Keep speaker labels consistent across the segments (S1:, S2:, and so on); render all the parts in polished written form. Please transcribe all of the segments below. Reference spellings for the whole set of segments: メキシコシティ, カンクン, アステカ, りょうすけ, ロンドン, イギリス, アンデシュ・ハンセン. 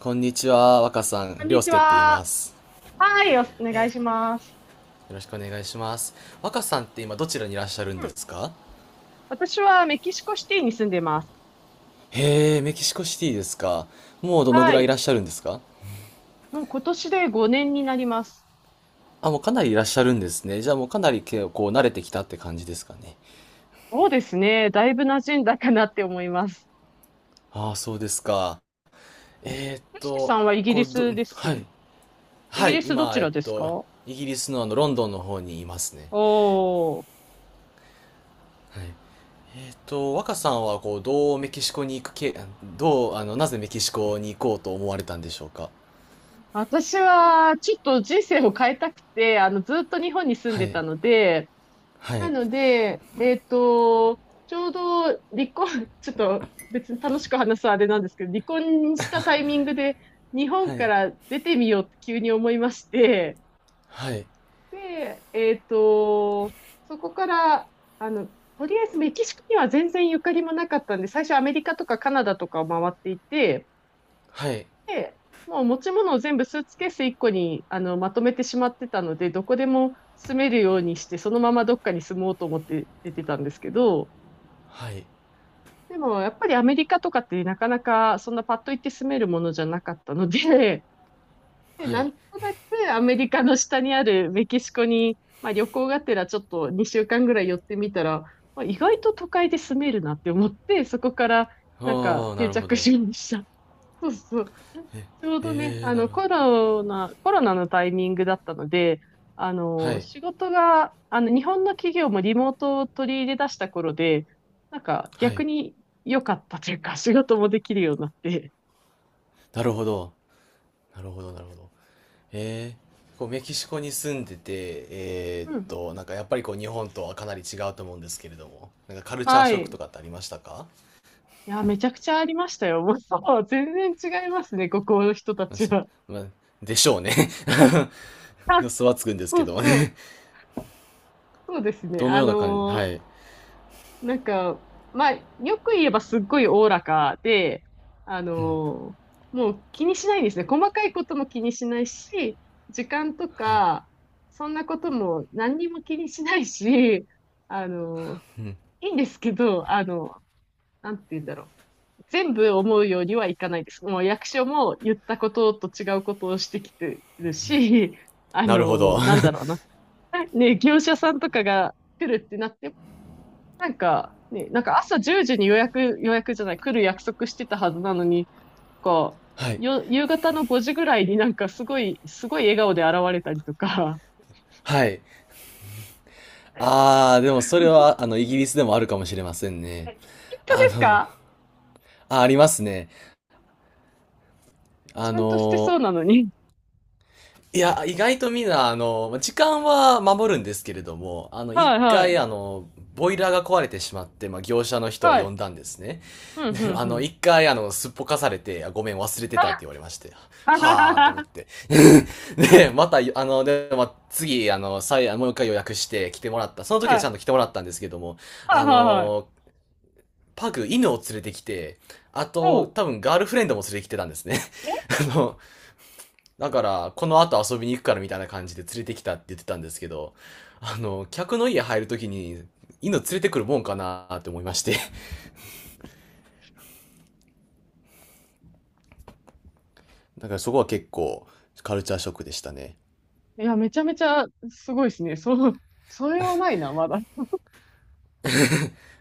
S1: こんにちは、若さん、
S2: こん
S1: りょ
S2: に
S1: うす
S2: ち
S1: けって言い
S2: は。
S1: ます。よ
S2: はい、お願いします。
S1: ろしくお願いします。若さんって今どちらにいらっしゃるん
S2: う
S1: で
S2: ん。
S1: すか？
S2: 私はメキシコシティに住んでます。
S1: へえ、メキシコシティですか。もうどのぐ
S2: は
S1: らいい
S2: い。
S1: らっしゃるんですか？
S2: もう今年で5年になります。
S1: あ、もうかなりいらっしゃるんですね。じゃあもうかなりけこう慣れてきたって感じですかね。
S2: そうですね。だいぶ馴染んだかなって思います。
S1: ああ、そうですか。えーっ
S2: よしきさ
S1: と、
S2: んはイギ
S1: こ
S2: リ
S1: う、ど、
S2: スで
S1: は
S2: す。
S1: い。
S2: イ
S1: は
S2: ギ
S1: い、
S2: リスど
S1: 今、
S2: ちらですか？
S1: イギリスのロンドンの方にいますね。
S2: おー。
S1: はい。若さんはなぜメキシコに行こうと思われたんでしょうか？
S2: 私は、ちょっと人生を変えたくて、ずっと日本に住ん
S1: は
S2: で
S1: い、
S2: たので、
S1: は
S2: な
S1: い、
S2: ので、ちょうど離婚、ちょっと別に楽しく話すあれなんですけど、離婚したタイミングで日本
S1: は
S2: か
S1: い、
S2: ら出てみようって急に思いまして、
S1: はい、
S2: で、そこから、あの、とりあえずメキシコには全然ゆかりもなかったんで、最初アメリカとかカナダとかを回っていて、
S1: はい、
S2: で、もう持ち物を全部スーツケース1個にまとめてしまってたので、どこでも住めるようにして、そのままどっかに住もうと思って出てたんですけど、
S1: はい、
S2: でも、やっぱりアメリカとかってなかなかそんなパッと行って住めるものじゃなかったので、で、
S1: は
S2: な
S1: い。
S2: んとなくアメリカの下にあるメキシコに、まあ旅行がてらちょっと2週間ぐらい寄ってみたら、まあ、意外と都会で住めるなって思って、そこからなんか
S1: ああ、な
S2: 定
S1: るほ
S2: 着
S1: ど。
S2: しました。そうそう。ちょうどね、
S1: えー、なるほ
S2: コ
S1: ど。
S2: ロナ、コロナのタイミングだったので、
S1: はい、
S2: 仕事が、日本の企業もリモートを取り入れ出した頃で、なんか
S1: は
S2: 逆
S1: い。
S2: に良かったというか、仕事もできるようになって。
S1: なるほど、なるほど、なるほど。えこうメキシコに住んでて、
S2: うん。
S1: なんかやっぱりこう日本とはかなり違うと思うんですけれども、なんかカルチャー
S2: は
S1: ショックと
S2: い。
S1: かってありましたか？
S2: いや、めちゃくちゃありましたよ。もう、そう全然違いますね、ここの人たち
S1: 私
S2: は。
S1: まあ、でしょうね。
S2: あ、
S1: 予想はつくんです
S2: そ
S1: け
S2: う
S1: ど。
S2: そう。そうですね。
S1: どのような感じ？はい、
S2: なんか、まあ、よく言えばすっごいおおらかで、あのーもう気にしないんですね。細かいことも気にしないし、時間と
S1: はい、
S2: か、そんなことも何にも気にしないし、あのいいんですけど、なんて言うんだろう。全部思うようにはいかないです。もう役所も言ったことと違うことをしてきてるし、
S1: なるほど。 は
S2: なんだろうな。ね、業者さんとかが来るってなってなんか、ね、なんか朝10時に予約じゃない、来る約束してたはずなのに、こ
S1: い、
S2: 夕方の5時ぐらいになんかすごい笑顔で現れたりとか。
S1: はい。ああ、でもそれは、イギリスでもあるかもしれませんね。
S2: はい。本当
S1: あ
S2: です
S1: の、
S2: か？
S1: あ、ありますね。あ
S2: ちゃんとしてそ
S1: の、
S2: うなのに。
S1: いや、意外とみんな、時間は守るんですけれども、一
S2: はいは
S1: 回、
S2: い。
S1: ボイラーが壊れてしまって、まあ、業者の人を
S2: は
S1: 呼
S2: い。
S1: んだんですね。
S2: うんう
S1: で、
S2: んうん。
S1: 一回、すっぽかされて、あごめん、忘れてたって言
S2: は
S1: われまして、
S2: はは
S1: はあと思っ
S2: は。
S1: て。で、また、まあ、次、もう一回予約して来てもらった。その時
S2: は
S1: はちゃん
S2: い。
S1: と来てもらったんですけども、
S2: は
S1: あ
S2: いはいはい。
S1: の、パグ、犬を連れてきて、あ
S2: お
S1: と、
S2: う。
S1: 多分ガールフレンドも連れてきてたんですね。
S2: え。
S1: あの、だから、この後遊びに行くからみたいな感じで連れてきたって言ってたんですけど、客の家入るときに、犬連れてくるもんかなーって思いまして。だからそこは結構、カルチャーショックでしたね。
S2: いや、めちゃめちゃすごいですね。そう、それはないな、まだ。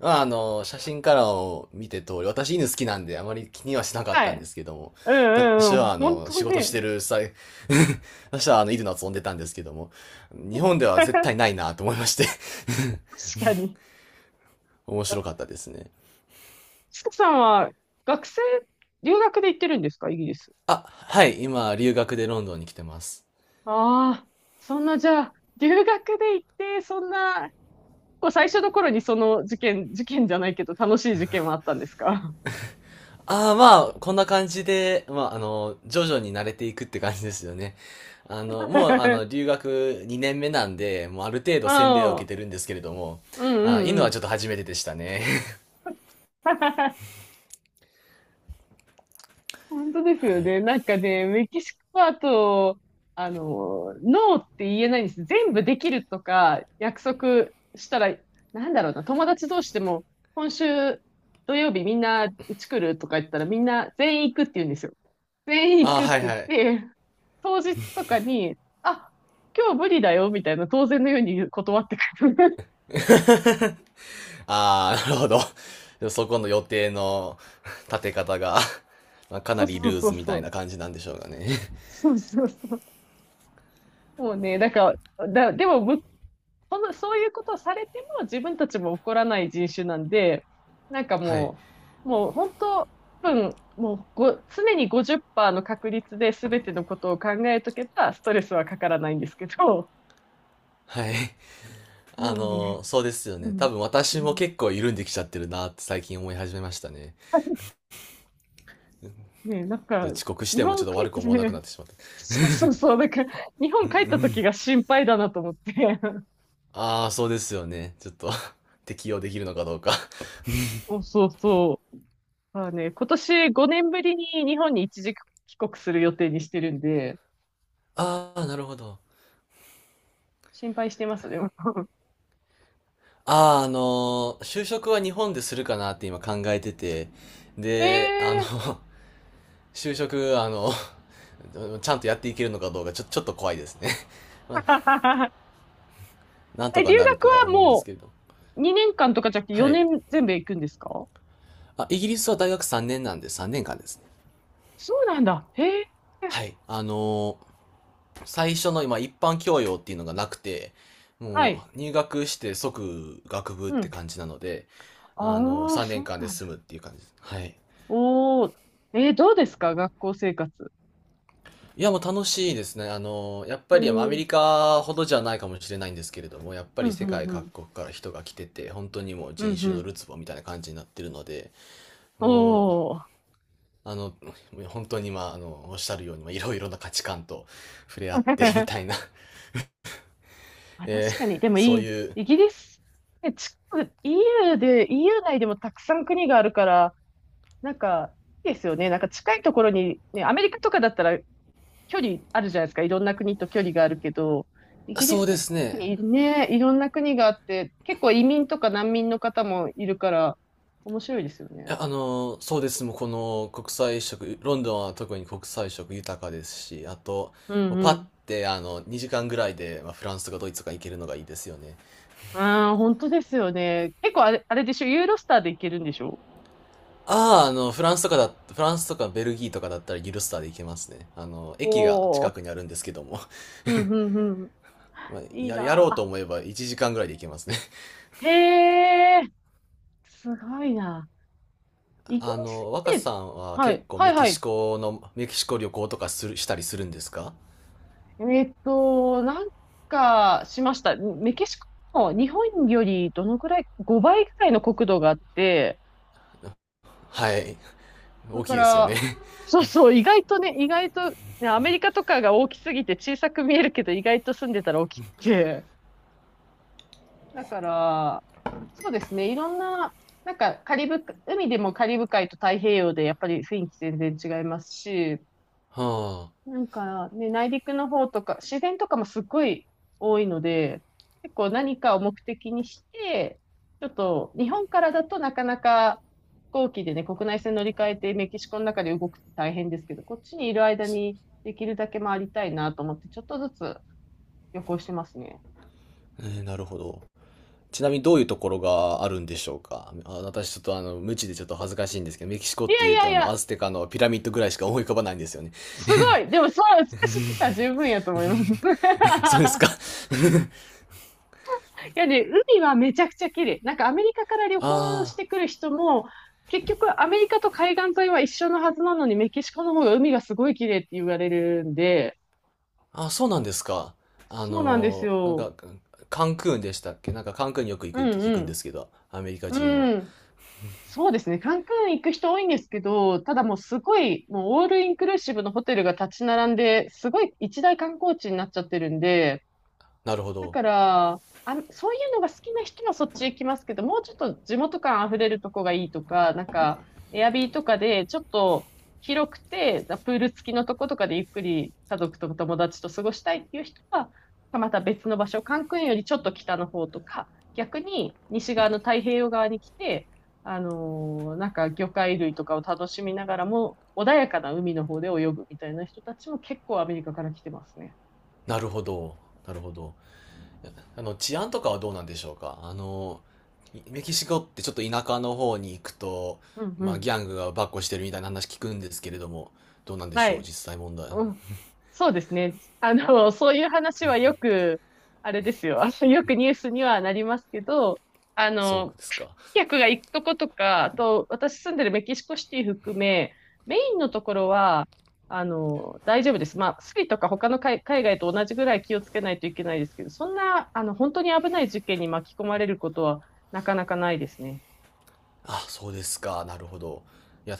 S1: まあ、写真からを見て通り、私犬好きなんであまり気にはしなかっ
S2: は
S1: たんで
S2: い。
S1: すけども、
S2: うん
S1: 私
S2: うんうん。
S1: は
S2: 本
S1: 仕
S2: 当
S1: 事し
S2: ね。
S1: てる際、私は犬の遊んでたんですけども、日本で は絶
S2: 確
S1: 対ないなと思いまして。
S2: かに。
S1: 面白かったですね。
S2: ちかさんは学生、留学で行ってるんですか、イギリス。
S1: あ、はい、今、留学でロンドンに来てます。
S2: ああ、そんな、じゃあ、留学で行って、そんな、こう最初の頃にその事件じゃないけど、楽しい事件はあったんですか？うん。
S1: ああ、まあ、こんな感じで、まあ、徐々に慣れていくって感じですよね。もう、留学2年目なんで、もうある程
S2: う
S1: 度洗礼を受け
S2: ん、
S1: てるんですけれども、
S2: う
S1: あー、
S2: ん、
S1: 犬
S2: う
S1: はち
S2: ん。
S1: ょっと初めてでしたね。
S2: 本当 です
S1: は
S2: よ
S1: い。
S2: ね。なんかね、メキシコパート。ノーって言えないんです。全部できるとか約束したら、なんだろうな、友達同士でも、今週土曜日みんなうち来るとか言ったらみんな全員行くって言うんですよ。全 員行
S1: あー、
S2: くって
S1: はい、
S2: 言っ
S1: はい。
S2: て、当日とかに、あ、今日無理だよみたいな当然のように断ってくる。
S1: ああ、なるほど。そこの予定の立て方が、まあ、か
S2: そ
S1: な
S2: う
S1: り
S2: そう
S1: ルー
S2: そう
S1: ズみ
S2: そ
S1: たい
S2: う。
S1: な感じなんでしょうかね。
S2: そうそうそう。もうね、だから、だ、でも向この、そういうことをされても自分たちも怒らない人種なんで、なんか
S1: はい。
S2: もう、もう本当、もうご、常に50%の確率で全てのことを考えとけば、ストレスはかからないんですけど、
S1: はい。
S2: もうね、
S1: そうですよ
S2: う
S1: ね。多
S2: ん、
S1: 分
S2: う
S1: 私も
S2: ん。
S1: 結構緩んできちゃってるなって最近思い始めましたね。
S2: ね、なんか、
S1: 遅刻し
S2: 日
S1: てもちょ
S2: 本
S1: っと
S2: 帰っ
S1: 悪く
S2: て
S1: 思わなく
S2: ね、
S1: なってしまった。
S2: そうそうそう、なんか、日
S1: う
S2: 本
S1: ん、う
S2: 帰った時
S1: ん。
S2: が心配だなと思って。
S1: ああ、そうですよね。ちょっと 適用できるのかどうか。
S2: そうそうそう。まあね、今年5年ぶりに日本に一時帰国する予定にしてるんで、
S1: ああ、なるほど。
S2: 心配してます、でも。
S1: ああ、就職は日本でするかなって今考えてて。
S2: え
S1: で、
S2: え
S1: 就職、ちゃんとやっていけるのかどうかちょっと怖いですね。まあ、
S2: ー。
S1: なんと
S2: え、
S1: か
S2: 留
S1: なる
S2: 学
S1: とは
S2: は
S1: 思うんです
S2: も
S1: けれど。
S2: う2年間とかじゃなくて
S1: はい。
S2: 4年全部行くんですか？
S1: あ、イギリスは大学3年なんで3年間ですね。
S2: そうなんだ。へえ。
S1: はい。最初の今一般教養っていうのがなくて、
S2: は
S1: も
S2: い。
S1: う入学して即学部っ
S2: う
S1: て
S2: ん。
S1: 感じなので、
S2: ああ、
S1: 3
S2: そ
S1: 年
S2: う
S1: 間で
S2: なん
S1: 済
S2: だ。
S1: むっていう感じです。はい。
S2: おお。えー、どうですか学校生活。
S1: いや、もう楽しいですね。やっ
S2: へ
S1: ぱ
S2: え。
S1: りア
S2: う
S1: メ
S2: ん
S1: リカほどじゃないかもしれないんですけれども、やっぱ
S2: う
S1: り世
S2: ん
S1: 界
S2: う
S1: 各
S2: ん。
S1: 国から人が来てて、本当にもう
S2: うん
S1: 人
S2: う
S1: 種の
S2: ん。
S1: るつぼみたいな感じになってるので、もう、
S2: おお。ま
S1: あの、本当にまあ、おっしゃるように、まあ、いろいろな価値観と触れ合
S2: あ、
S1: ってみ
S2: 確
S1: たいな、
S2: かに。でも
S1: そ
S2: い
S1: う
S2: い。
S1: いう
S2: イギリス。え、ち、EU で、EU 内でもたくさん国があるから、なんか、いいですよね。なんか近いところに、ね、アメリカとかだったら距離あるじゃないですか。いろんな国と距離があるけど、イギリ
S1: そ
S2: ス
S1: う
S2: っ
S1: で
S2: て
S1: す
S2: 特
S1: ね。
S2: にね、いろんな国があって、結構移民とか難民の方もいるから、面白いですよ
S1: い
S2: ね。
S1: や、そうです。もうこの国際色、ロンドンは特に国際色豊かですし、あと、
S2: うん
S1: もう
S2: う
S1: パッ
S2: ん。
S1: て2時間ぐらいで、まあ、フランスとかドイツとか行けるのがいいですよね。
S2: ああ、本当ですよね。結構あれでしょ、ユーロスターで行けるんでしょ？
S1: ああ、フランスとかベルギーとかだったらギルスターで行けますね。駅が
S2: おお
S1: 近
S2: ー。
S1: くにあるんですけども。
S2: うんうんう
S1: まあ、
S2: ん。いい
S1: やろうと
S2: な
S1: 思えば1時間ぐらいで行けますね。
S2: ぁ。へえ、すごいな。イ ギリスっ
S1: 若さ
S2: て、
S1: んは
S2: は
S1: 結
S2: い、
S1: 構
S2: はいはい。
S1: メキシコ旅行とかしたりするんですか？
S2: なんかしました。メキシコも日本よりどのくらい、5倍くらいの国土があって、
S1: はい。
S2: だ
S1: 大き
S2: か
S1: いですよね。
S2: ら、そうそう、意外とね、意外と、ね、アメリカとかが大きすぎて小さく見えるけど、意外と住んでたら大きくて。だから、そうですね、いろんな、なんかカリブ、海でもカリブ海と太平洋でやっぱり雰囲気全然違いますし、
S1: はあ。
S2: なんかね、内陸の方とか、自然とかもすっごい多いので、結構何かを目的にして、ちょっと日本からだとなかなか飛行機でね、国内線乗り換えてメキシコの中で動くって大変ですけど、こっちにいる間にできるだけ回りたいなと思って、ちょっとずつ旅行してますね。
S1: えー、なるほど。ちなみにどういうところがあるんでしょうか？あ、私ちょっと無知でちょっと恥ずかしいんですけど、メキシコっ
S2: い
S1: て
S2: や
S1: い
S2: い
S1: うと
S2: やいや、
S1: アステカのピラミッドぐらいしか思い浮かばないんですよね。
S2: すごいでもそれ、私知ってたら十分やと思います。
S1: そうですか？
S2: いやね、海はめちゃくちゃ綺麗。なんかアメリカから旅 行
S1: あ
S2: してくる人も、結局アメリカと海岸沿いは一緒のはずなのに、メキシコの方が海がすごい綺麗って言われるんで、
S1: あ、あ、そうなんですか。
S2: そうなんです
S1: なん
S2: よ。
S1: か、カンクンでしたっけ？なんかカンクンによく行
S2: う
S1: くって
S2: ん
S1: 聞
S2: う
S1: くんで
S2: ん。
S1: すけど、アメリカ人は。
S2: うん。そうですね。カンクン行く人多いんですけど、ただもうすごい、もうオールインクルーシブのホテルが立ち並んで、すごい一大観光地になっちゃってるんで、
S1: なるほ
S2: だ
S1: ど。
S2: から、あ、そういうのが好きな人はそっち行きますけど、もうちょっと地元感溢れるとこがいいとか、なんか、エアビーとかでちょっと広くて、プール付きのとことかでゆっくり家族と友達と過ごしたいっていう人は、また別の場所、カンクンよりちょっと北の方とか、逆に西側の太平洋側に来て、なんか魚介類とかを楽しみながらも、穏やかな海の方で泳ぐみたいな人たちも結構アメリカから来てますね。
S1: なるほど。なるほど。治安とかはどうなんでしょうか？メキシコってちょっと田舎の方に行くと、
S2: うんう
S1: まあ、ギ
S2: ん。
S1: ャングがばっこしてるみたいな話聞くんですけれども、どうなんで
S2: は
S1: しょう、
S2: い。
S1: 実際問題。
S2: うん。そうですね。あの、そういう話はよく、あれですよ。あのよくニュースにはなりますけど、あ
S1: そ
S2: の、
S1: うですか。
S2: 客が行くとことか、あと、私住んでるメキシコシティ含め、メインのところは、あの、大丈夫です。まあ、スリとか他の海外と同じぐらい気をつけないといけないですけど、そんな、あの、本当に危ない事件に巻き込まれることはなかなかないですね。
S1: あ、そうですか。なるほど。いや、